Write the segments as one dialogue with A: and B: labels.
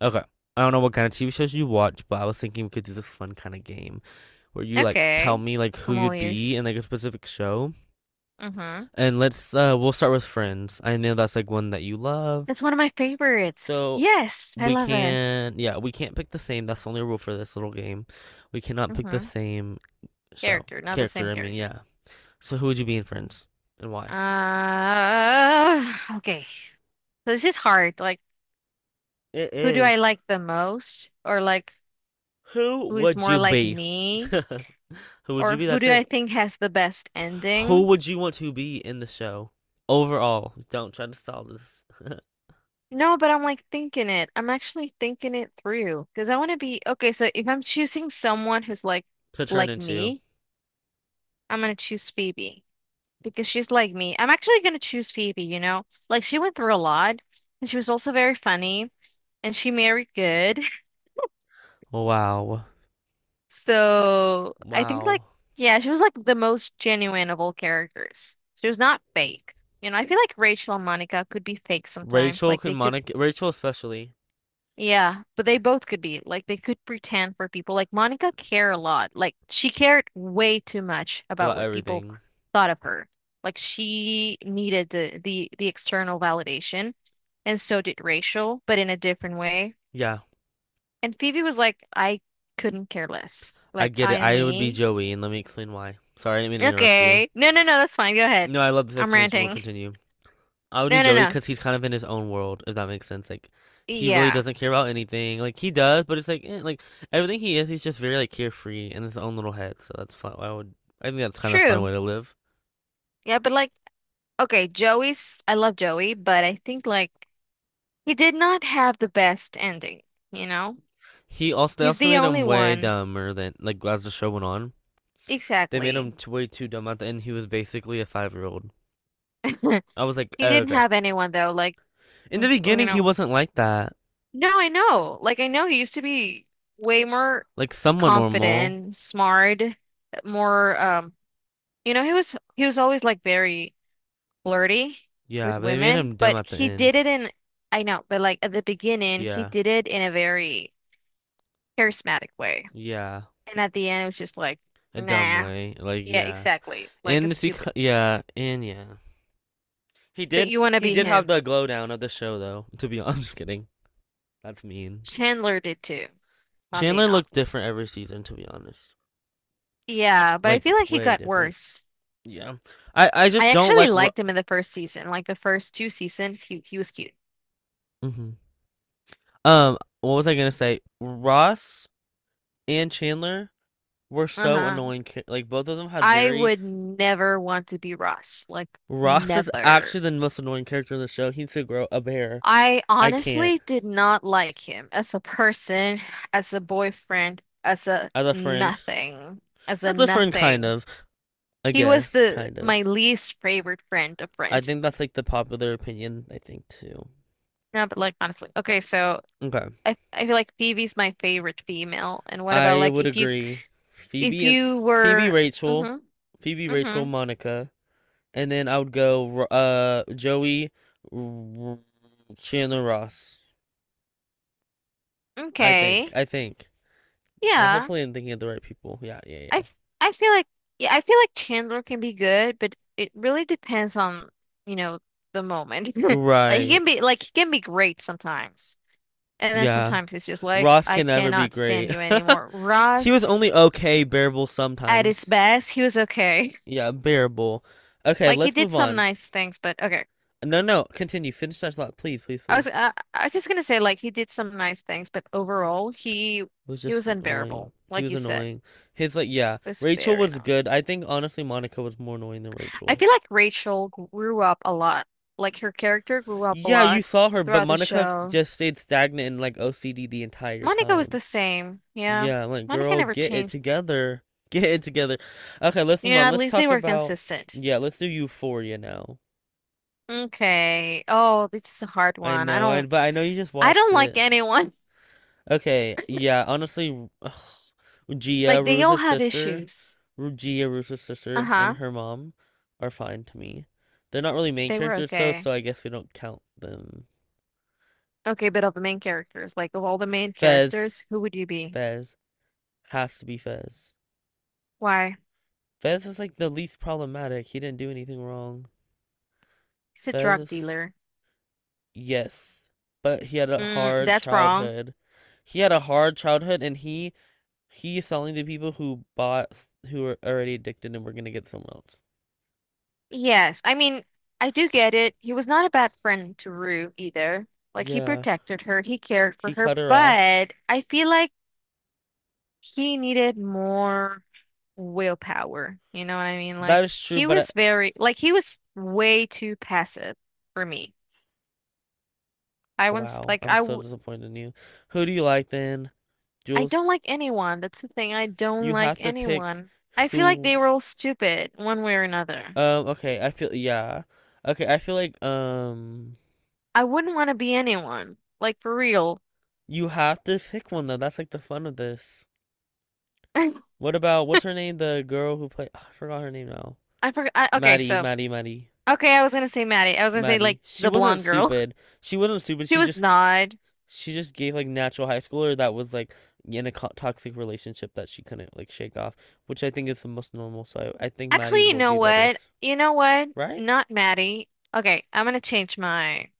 A: Okay. I don't know what kind of TV shows you watch, but I was thinking we could do this fun kind of game where you like tell
B: Okay.
A: me like who
B: I'm all
A: you'd be
B: ears.
A: in like a specific show.
B: Mm-hmm.
A: And let's we'll start with Friends. I know that's like one that you love.
B: That's one of my favorites.
A: So
B: Yes, I
A: we
B: love it.
A: can yeah, we can't pick the same. That's the only rule for this little game. We cannot pick the
B: Mm-hmm.
A: same show.
B: Character, not the same
A: Character, I mean,
B: character.
A: yeah. So who would you be in Friends and why?
B: Uh, okay. So this is hard. Like,
A: It
B: who do I
A: is
B: like the most? Or like,
A: who
B: who is
A: would you
B: more like
A: be?
B: me?
A: Who would you
B: Or
A: be?
B: who
A: That's
B: do
A: it.
B: I think has the best
A: Who
B: ending?
A: would you want to be in the show? Overall, don't try to stall this
B: No, but I'm like thinking it. I'm actually thinking it through because I want to be okay. So if I'm choosing someone who's like
A: to turn
B: like
A: into.
B: me, I'm gonna choose Phoebe, because she's like me. I'm actually gonna choose Phoebe, you know? Like she went through a lot, and she was also very funny, and she married good.
A: Wow.
B: So I think like
A: Wow.
B: yeah, she was like the most genuine of all characters. She was not fake. You know, I feel like Rachel and Monica could be fake sometimes.
A: Rachel
B: Like
A: can
B: they could.
A: Monica, Rachel especially,
B: Yeah, but they both could be like they could pretend for people. Like Monica cared a lot. Like she cared way too much about
A: about
B: what people
A: everything.
B: thought of her. Like she needed the external validation, and so did Rachel, but in a different way.
A: Yeah,
B: And Phoebe was like, I couldn't care less.
A: I
B: Like
A: get
B: I
A: it.
B: am
A: I would be
B: me.
A: Joey, and let me explain why. Sorry, I didn't mean to interrupt you.
B: Okay. No, no, no, that's fine. Go ahead.
A: No, I love this
B: I'm
A: explanation. We'll
B: ranting.
A: continue. I would do
B: No, no,
A: Joey
B: no.
A: because he's kind of in his own world, if that makes sense. Like, he really
B: Yeah.
A: doesn't care about anything. Like, he does, but it's like, eh, like everything he is, he's just very like carefree in his own little head. So that's fun. I would. I think that's kind of a fun
B: True.
A: way to live.
B: Yeah, but like okay, Joey's, I love Joey, but I think like he did not have the best ending, you know?
A: He also they
B: He's
A: also
B: the
A: made
B: only
A: him way
B: one.
A: dumber than like as the show went on. They made him
B: Exactly.
A: way too dumb at the end. He was basically a 5-year old. I was like,
B: He
A: oh,
B: didn't
A: okay.
B: have anyone though, like
A: In the
B: you
A: beginning, he
B: know.
A: wasn't like that.
B: No, I know. Like I know he used to be way more
A: Like somewhat normal.
B: confident, smart, more you know, he was always like very flirty with
A: Yeah, but they made
B: women,
A: him dumb
B: but
A: at the
B: he did
A: end.
B: it in, I know, but like at the beginning, he
A: Yeah,
B: did it in a very charismatic way.
A: yeah,
B: And at the end it was just like,
A: a dumb
B: nah.
A: way. Like,
B: Yeah,
A: yeah,
B: exactly. Like a
A: and it's
B: stupid.
A: because yeah, and yeah. He
B: But
A: did
B: you want to
A: he
B: be
A: did have
B: him.
A: the glow down of the show though. To be honest, I'm just kidding. That's mean.
B: Chandler did too, if I'm being
A: Chandler looked
B: honest.
A: different every season. To be honest,
B: Yeah, but I
A: like
B: feel like he
A: way
B: got
A: different.
B: worse.
A: Yeah, I just
B: I
A: don't
B: actually
A: like.
B: liked him in the first season, like the first two seasons, he was cute.
A: hmm what was I gonna say? Ross and Chandler were so
B: Uh-huh.
A: annoying. Like, both of them had
B: I
A: very.
B: would never want to be Ross, like
A: Ross is
B: never.
A: actually the most annoying character in the show. He needs to grow a bear.
B: I
A: I can't.
B: honestly did not like him as a person, as a boyfriend, as a
A: As a friend,
B: nothing, as a
A: as a friend, kind
B: nothing.
A: of. I
B: He was
A: guess,
B: the
A: kind of.
B: my least favorite friend of
A: I
B: Friends.
A: think that's like the popular opinion. I think too.
B: No, but like honestly. Okay, so
A: Okay,
B: I feel like Phoebe's my favorite female. And what about
A: I
B: like
A: would
B: if you,
A: agree.
B: if
A: Phoebe and
B: you
A: Phoebe,
B: were,
A: Rachel,
B: hmm,
A: Phoebe, Rachel,
B: hmm,
A: Monica, and then I would go Joey, R- Chandler, Ross. I think.
B: okay.
A: I think.
B: Yeah.
A: Hopefully, I'm thinking of the right people. Yeah, yeah,
B: I
A: yeah.
B: f- I feel like yeah, I feel like Chandler can be good, but it really depends on, you know, the moment. Like he
A: Right.
B: can be like he can be great sometimes. And then
A: Yeah.
B: sometimes it's just like
A: Ross
B: I
A: can never be
B: cannot stand
A: great.
B: you anymore.
A: He was
B: Ross
A: only okay, bearable
B: at his
A: sometimes.
B: best, he was okay.
A: Yeah, bearable. Okay,
B: Like he
A: let's
B: did
A: move
B: some
A: on.
B: nice things, but okay.
A: No, no, continue. Finish that thought, please, please, please.
B: I was just gonna say like he did some nice things, but overall
A: It was
B: he
A: just
B: was
A: annoying.
B: unbearable,
A: He
B: like
A: was
B: you said.
A: annoying. His like, yeah.
B: It was
A: Rachel
B: very
A: was
B: not.
A: good. I think honestly, Monica was more annoying than
B: I
A: Rachel.
B: feel like Rachel grew up a lot. Like her character grew up a
A: Yeah, you
B: lot
A: saw her, but
B: throughout the
A: Monica
B: show.
A: just stayed stagnant and like OCD the entire
B: Monica was the
A: time.
B: same. Yeah.
A: Yeah, like,
B: Monica
A: girl,
B: never
A: get it
B: changed.
A: together. Get it together. Okay, let's move
B: You know,
A: on.
B: at
A: Let's
B: least they
A: talk
B: were
A: about,
B: consistent.
A: yeah, let's do Euphoria now.
B: Okay. Oh, this is a hard
A: I
B: one. I
A: know,
B: don't,
A: but I know you just
B: I
A: watched
B: don't like
A: it.
B: anyone.
A: Okay, yeah, honestly, Gia,
B: Like they all
A: Ruza's
B: have
A: sister,
B: issues.
A: Gia, Ruza's sister, and
B: Uh-huh.
A: her mom are fine to me. They're not really main
B: They were
A: characters, so
B: okay.
A: so I guess we don't count them.
B: Okay, but of the main characters, like of all the main
A: Fez,
B: characters, who would you be?
A: Fez, has to be Fez.
B: Why?
A: Fez is like the least problematic. He didn't do anything wrong.
B: He's a
A: Fez
B: drug
A: is.
B: dealer.
A: Yes, but he had a
B: Mm,
A: hard
B: that's wrong.
A: childhood. He had a hard childhood, and he's selling to people who are already addicted and were gonna get someone else.
B: Yes, I mean, I do get it. He was not a bad friend to Rue either. Like, he
A: Yeah,
B: protected her, he cared for
A: he
B: her,
A: cut her off.
B: but I feel like he needed more willpower. You know what I mean? Like,
A: That is true,
B: he
A: but
B: was very, like, he was way too passive for me. I was
A: wow,
B: like,
A: I'm so disappointed in you. Who do you like then,
B: I
A: Jules?
B: don't like anyone. That's the thing. I don't
A: You have
B: like
A: to pick
B: anyone. I feel like
A: who.
B: they were all stupid one way or another.
A: Okay, I feel yeah. Okay, I feel like
B: I wouldn't want to be anyone. Like for real.
A: you have to pick one though. That's like the fun of this.
B: I
A: What's her name? The girl who played I forgot her name now.
B: forgot. Okay,
A: Maddie,
B: so
A: Maddie, Maddie,
B: okay, I was gonna say Maddie. I was gonna say like
A: Maddie. She
B: the
A: wasn't
B: blonde girl.
A: stupid. She wasn't stupid.
B: She was not.
A: She just gave like natural high schooler that was like in a toxic relationship that she couldn't like shake off, which I think is the most normal. So I think Maddie
B: Actually, you
A: would
B: know
A: be better,
B: what? You know what?
A: right?
B: Not Maddie. Okay, I'm gonna change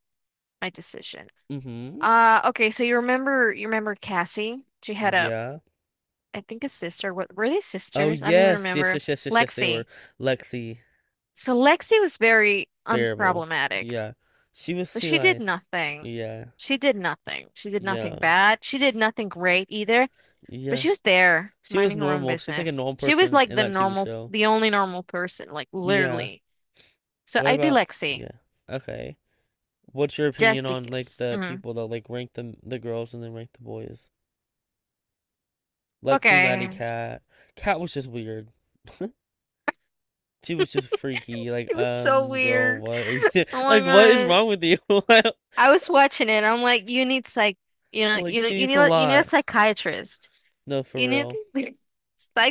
B: my decision.
A: Mm-hmm.
B: Okay. So you remember, you remember Cassie? She had a,
A: Yeah.
B: I think, a sister. What were they,
A: Oh
B: sisters? I don't even
A: yes, yes,
B: remember.
A: yes, yes, yes, yes. They were
B: Lexi.
A: Lexi.
B: So Lexi was very
A: Bearable.
B: unproblematic.
A: Yeah, she was
B: But
A: too
B: she did
A: nice.
B: nothing.
A: Yeah,
B: She did nothing. She did
A: yeah,
B: nothing bad. She did nothing great either. But
A: yeah.
B: she was there
A: She was
B: minding her own
A: normal. She's like a
B: business.
A: normal
B: She was
A: person
B: like
A: in
B: the
A: that TV
B: normal,
A: show.
B: the only normal person, like
A: Yeah.
B: literally. So
A: What
B: I'd be
A: about
B: Lexi
A: yeah. Okay. What's your opinion
B: just
A: on like
B: because.
A: the
B: Mhm.
A: people that like rank the girls and then rank the boys? Lexi, Maddie,
B: Okay.
A: Cat. Cat was just weird. She was just freaky. Like,
B: It was so
A: girl,
B: weird.
A: what are you doing?
B: Oh my
A: Like, what is
B: God.
A: wrong with you?
B: I was watching it. I'm like, you need psych, you know,
A: Like,
B: you know,
A: she
B: you
A: eats
B: need,
A: a
B: you need a
A: lot.
B: psychiatrist.
A: No, for
B: You need
A: real.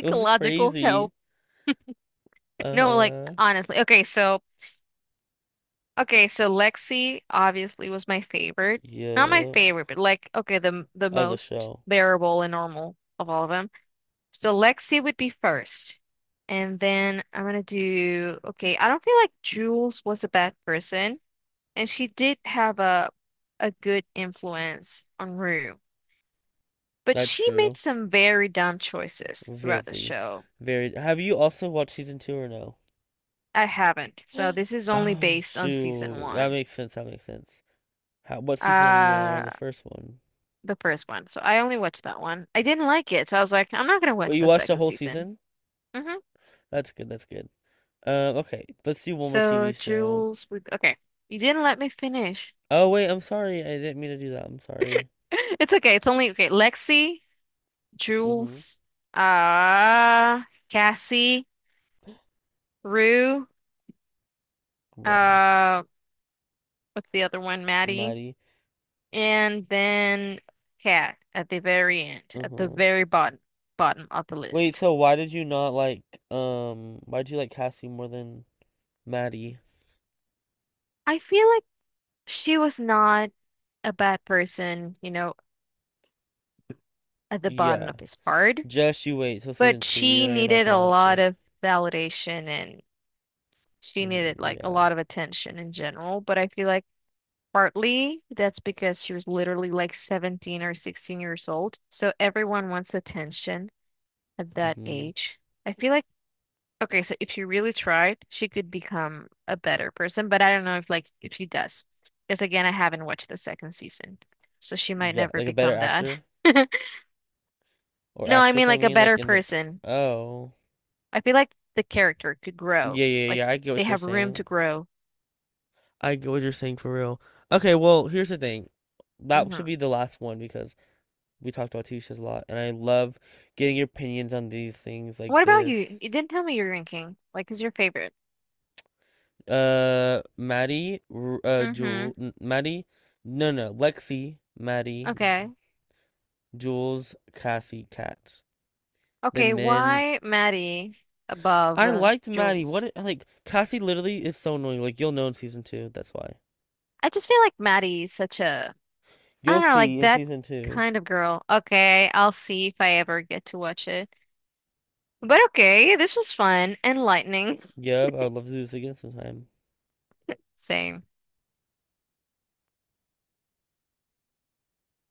A: It was crazy.
B: help. No, like
A: Uh-huh.
B: honestly. Okay, so. Okay, so Lexi obviously was my favorite. Not my
A: Yeah.
B: favorite, but like okay, the
A: Other
B: most
A: show.
B: bearable and normal of all of them. So Lexi would be first. And then I'm gonna do okay, I don't feel like Jules was a bad person, and she did have a good influence on Rue. But
A: That's
B: she made
A: true.
B: some very dumb choices throughout the
A: Very,
B: show.
A: very. Have you also watched season two or no?
B: I haven't. So this is only
A: Oh
B: based on season
A: shoot, that
B: one.
A: makes sense. That makes sense. How, what season are you on?
B: Uh
A: On the first one?
B: the first one. So I only watched that one. I didn't like it, so I was like, I'm not gonna
A: Well,
B: watch
A: you
B: the
A: watched the
B: second
A: whole
B: season.
A: season?
B: Hmm.
A: That's good. That's good. Okay, let's do one more TV
B: So
A: show.
B: Jules, we, okay, you didn't let me finish.
A: Oh wait, I'm sorry. I didn't mean to do that. I'm sorry.
B: It's okay. It's only okay. Lexi,
A: hmm
B: Jules, uh, Cassie, Rue,
A: Wow.
B: uh, what's the other one? Maddie,
A: Maddie.
B: and then Kat at the very end, at the
A: Uh-huh.
B: very bottom of the
A: Wait,
B: list.
A: so why did you not like why did you like Cassie more than Maddie?
B: I feel like she was not a bad person, you know. At the bottom
A: Yeah.
B: is hard,
A: Just you wait till season
B: but
A: two,
B: she
A: even though you're not
B: needed a
A: gonna watch
B: lot
A: it.
B: of validation, and she
A: Mm,
B: needed like a
A: yeah.
B: lot of attention in general. But I feel like partly that's because she was literally like 17 or 16 years old. So everyone wants attention at that
A: Hmm.
B: age. I feel like, okay, so if she really tried, she could become a better person, but I don't know if like if she does. Because again, I haven't watched the second season. So she might
A: Yeah,
B: never
A: like a better
B: become that.
A: actor? Or
B: No, I
A: actress,
B: mean
A: I
B: like a
A: mean, like
B: better
A: in the.
B: person.
A: Oh.
B: I feel like the character could grow.
A: Yeah, yeah,
B: Like
A: yeah. I get
B: they
A: what you're
B: have room to
A: saying.
B: grow.
A: I get what you're saying for real. Okay, well, here's the thing. That
B: Hmm.
A: should be the last one because we talked about TV shows a lot, and I love getting your opinions on these things like
B: What about you?
A: this.
B: You didn't tell me your ranking. Like, who's your favorite?
A: Maddie, Jewel,
B: Hmm.
A: Maddie, no, no, Lexi, Maddie,
B: Okay.
A: Jules, Cassie, Kat.
B: Okay,
A: Then men.
B: why Maddie above
A: I liked Maddie.
B: Jules?
A: What, like Cassie literally is so annoying. Like, you'll know in season two. That's why.
B: I just feel like Maddie's such a, I
A: You'll
B: don't know,
A: see
B: like
A: in
B: that
A: season two.
B: kind of girl. Okay, I'll see if I ever get to watch it. But okay, this was fun, enlightening.
A: Yep, I would love to do this again sometime.
B: Same.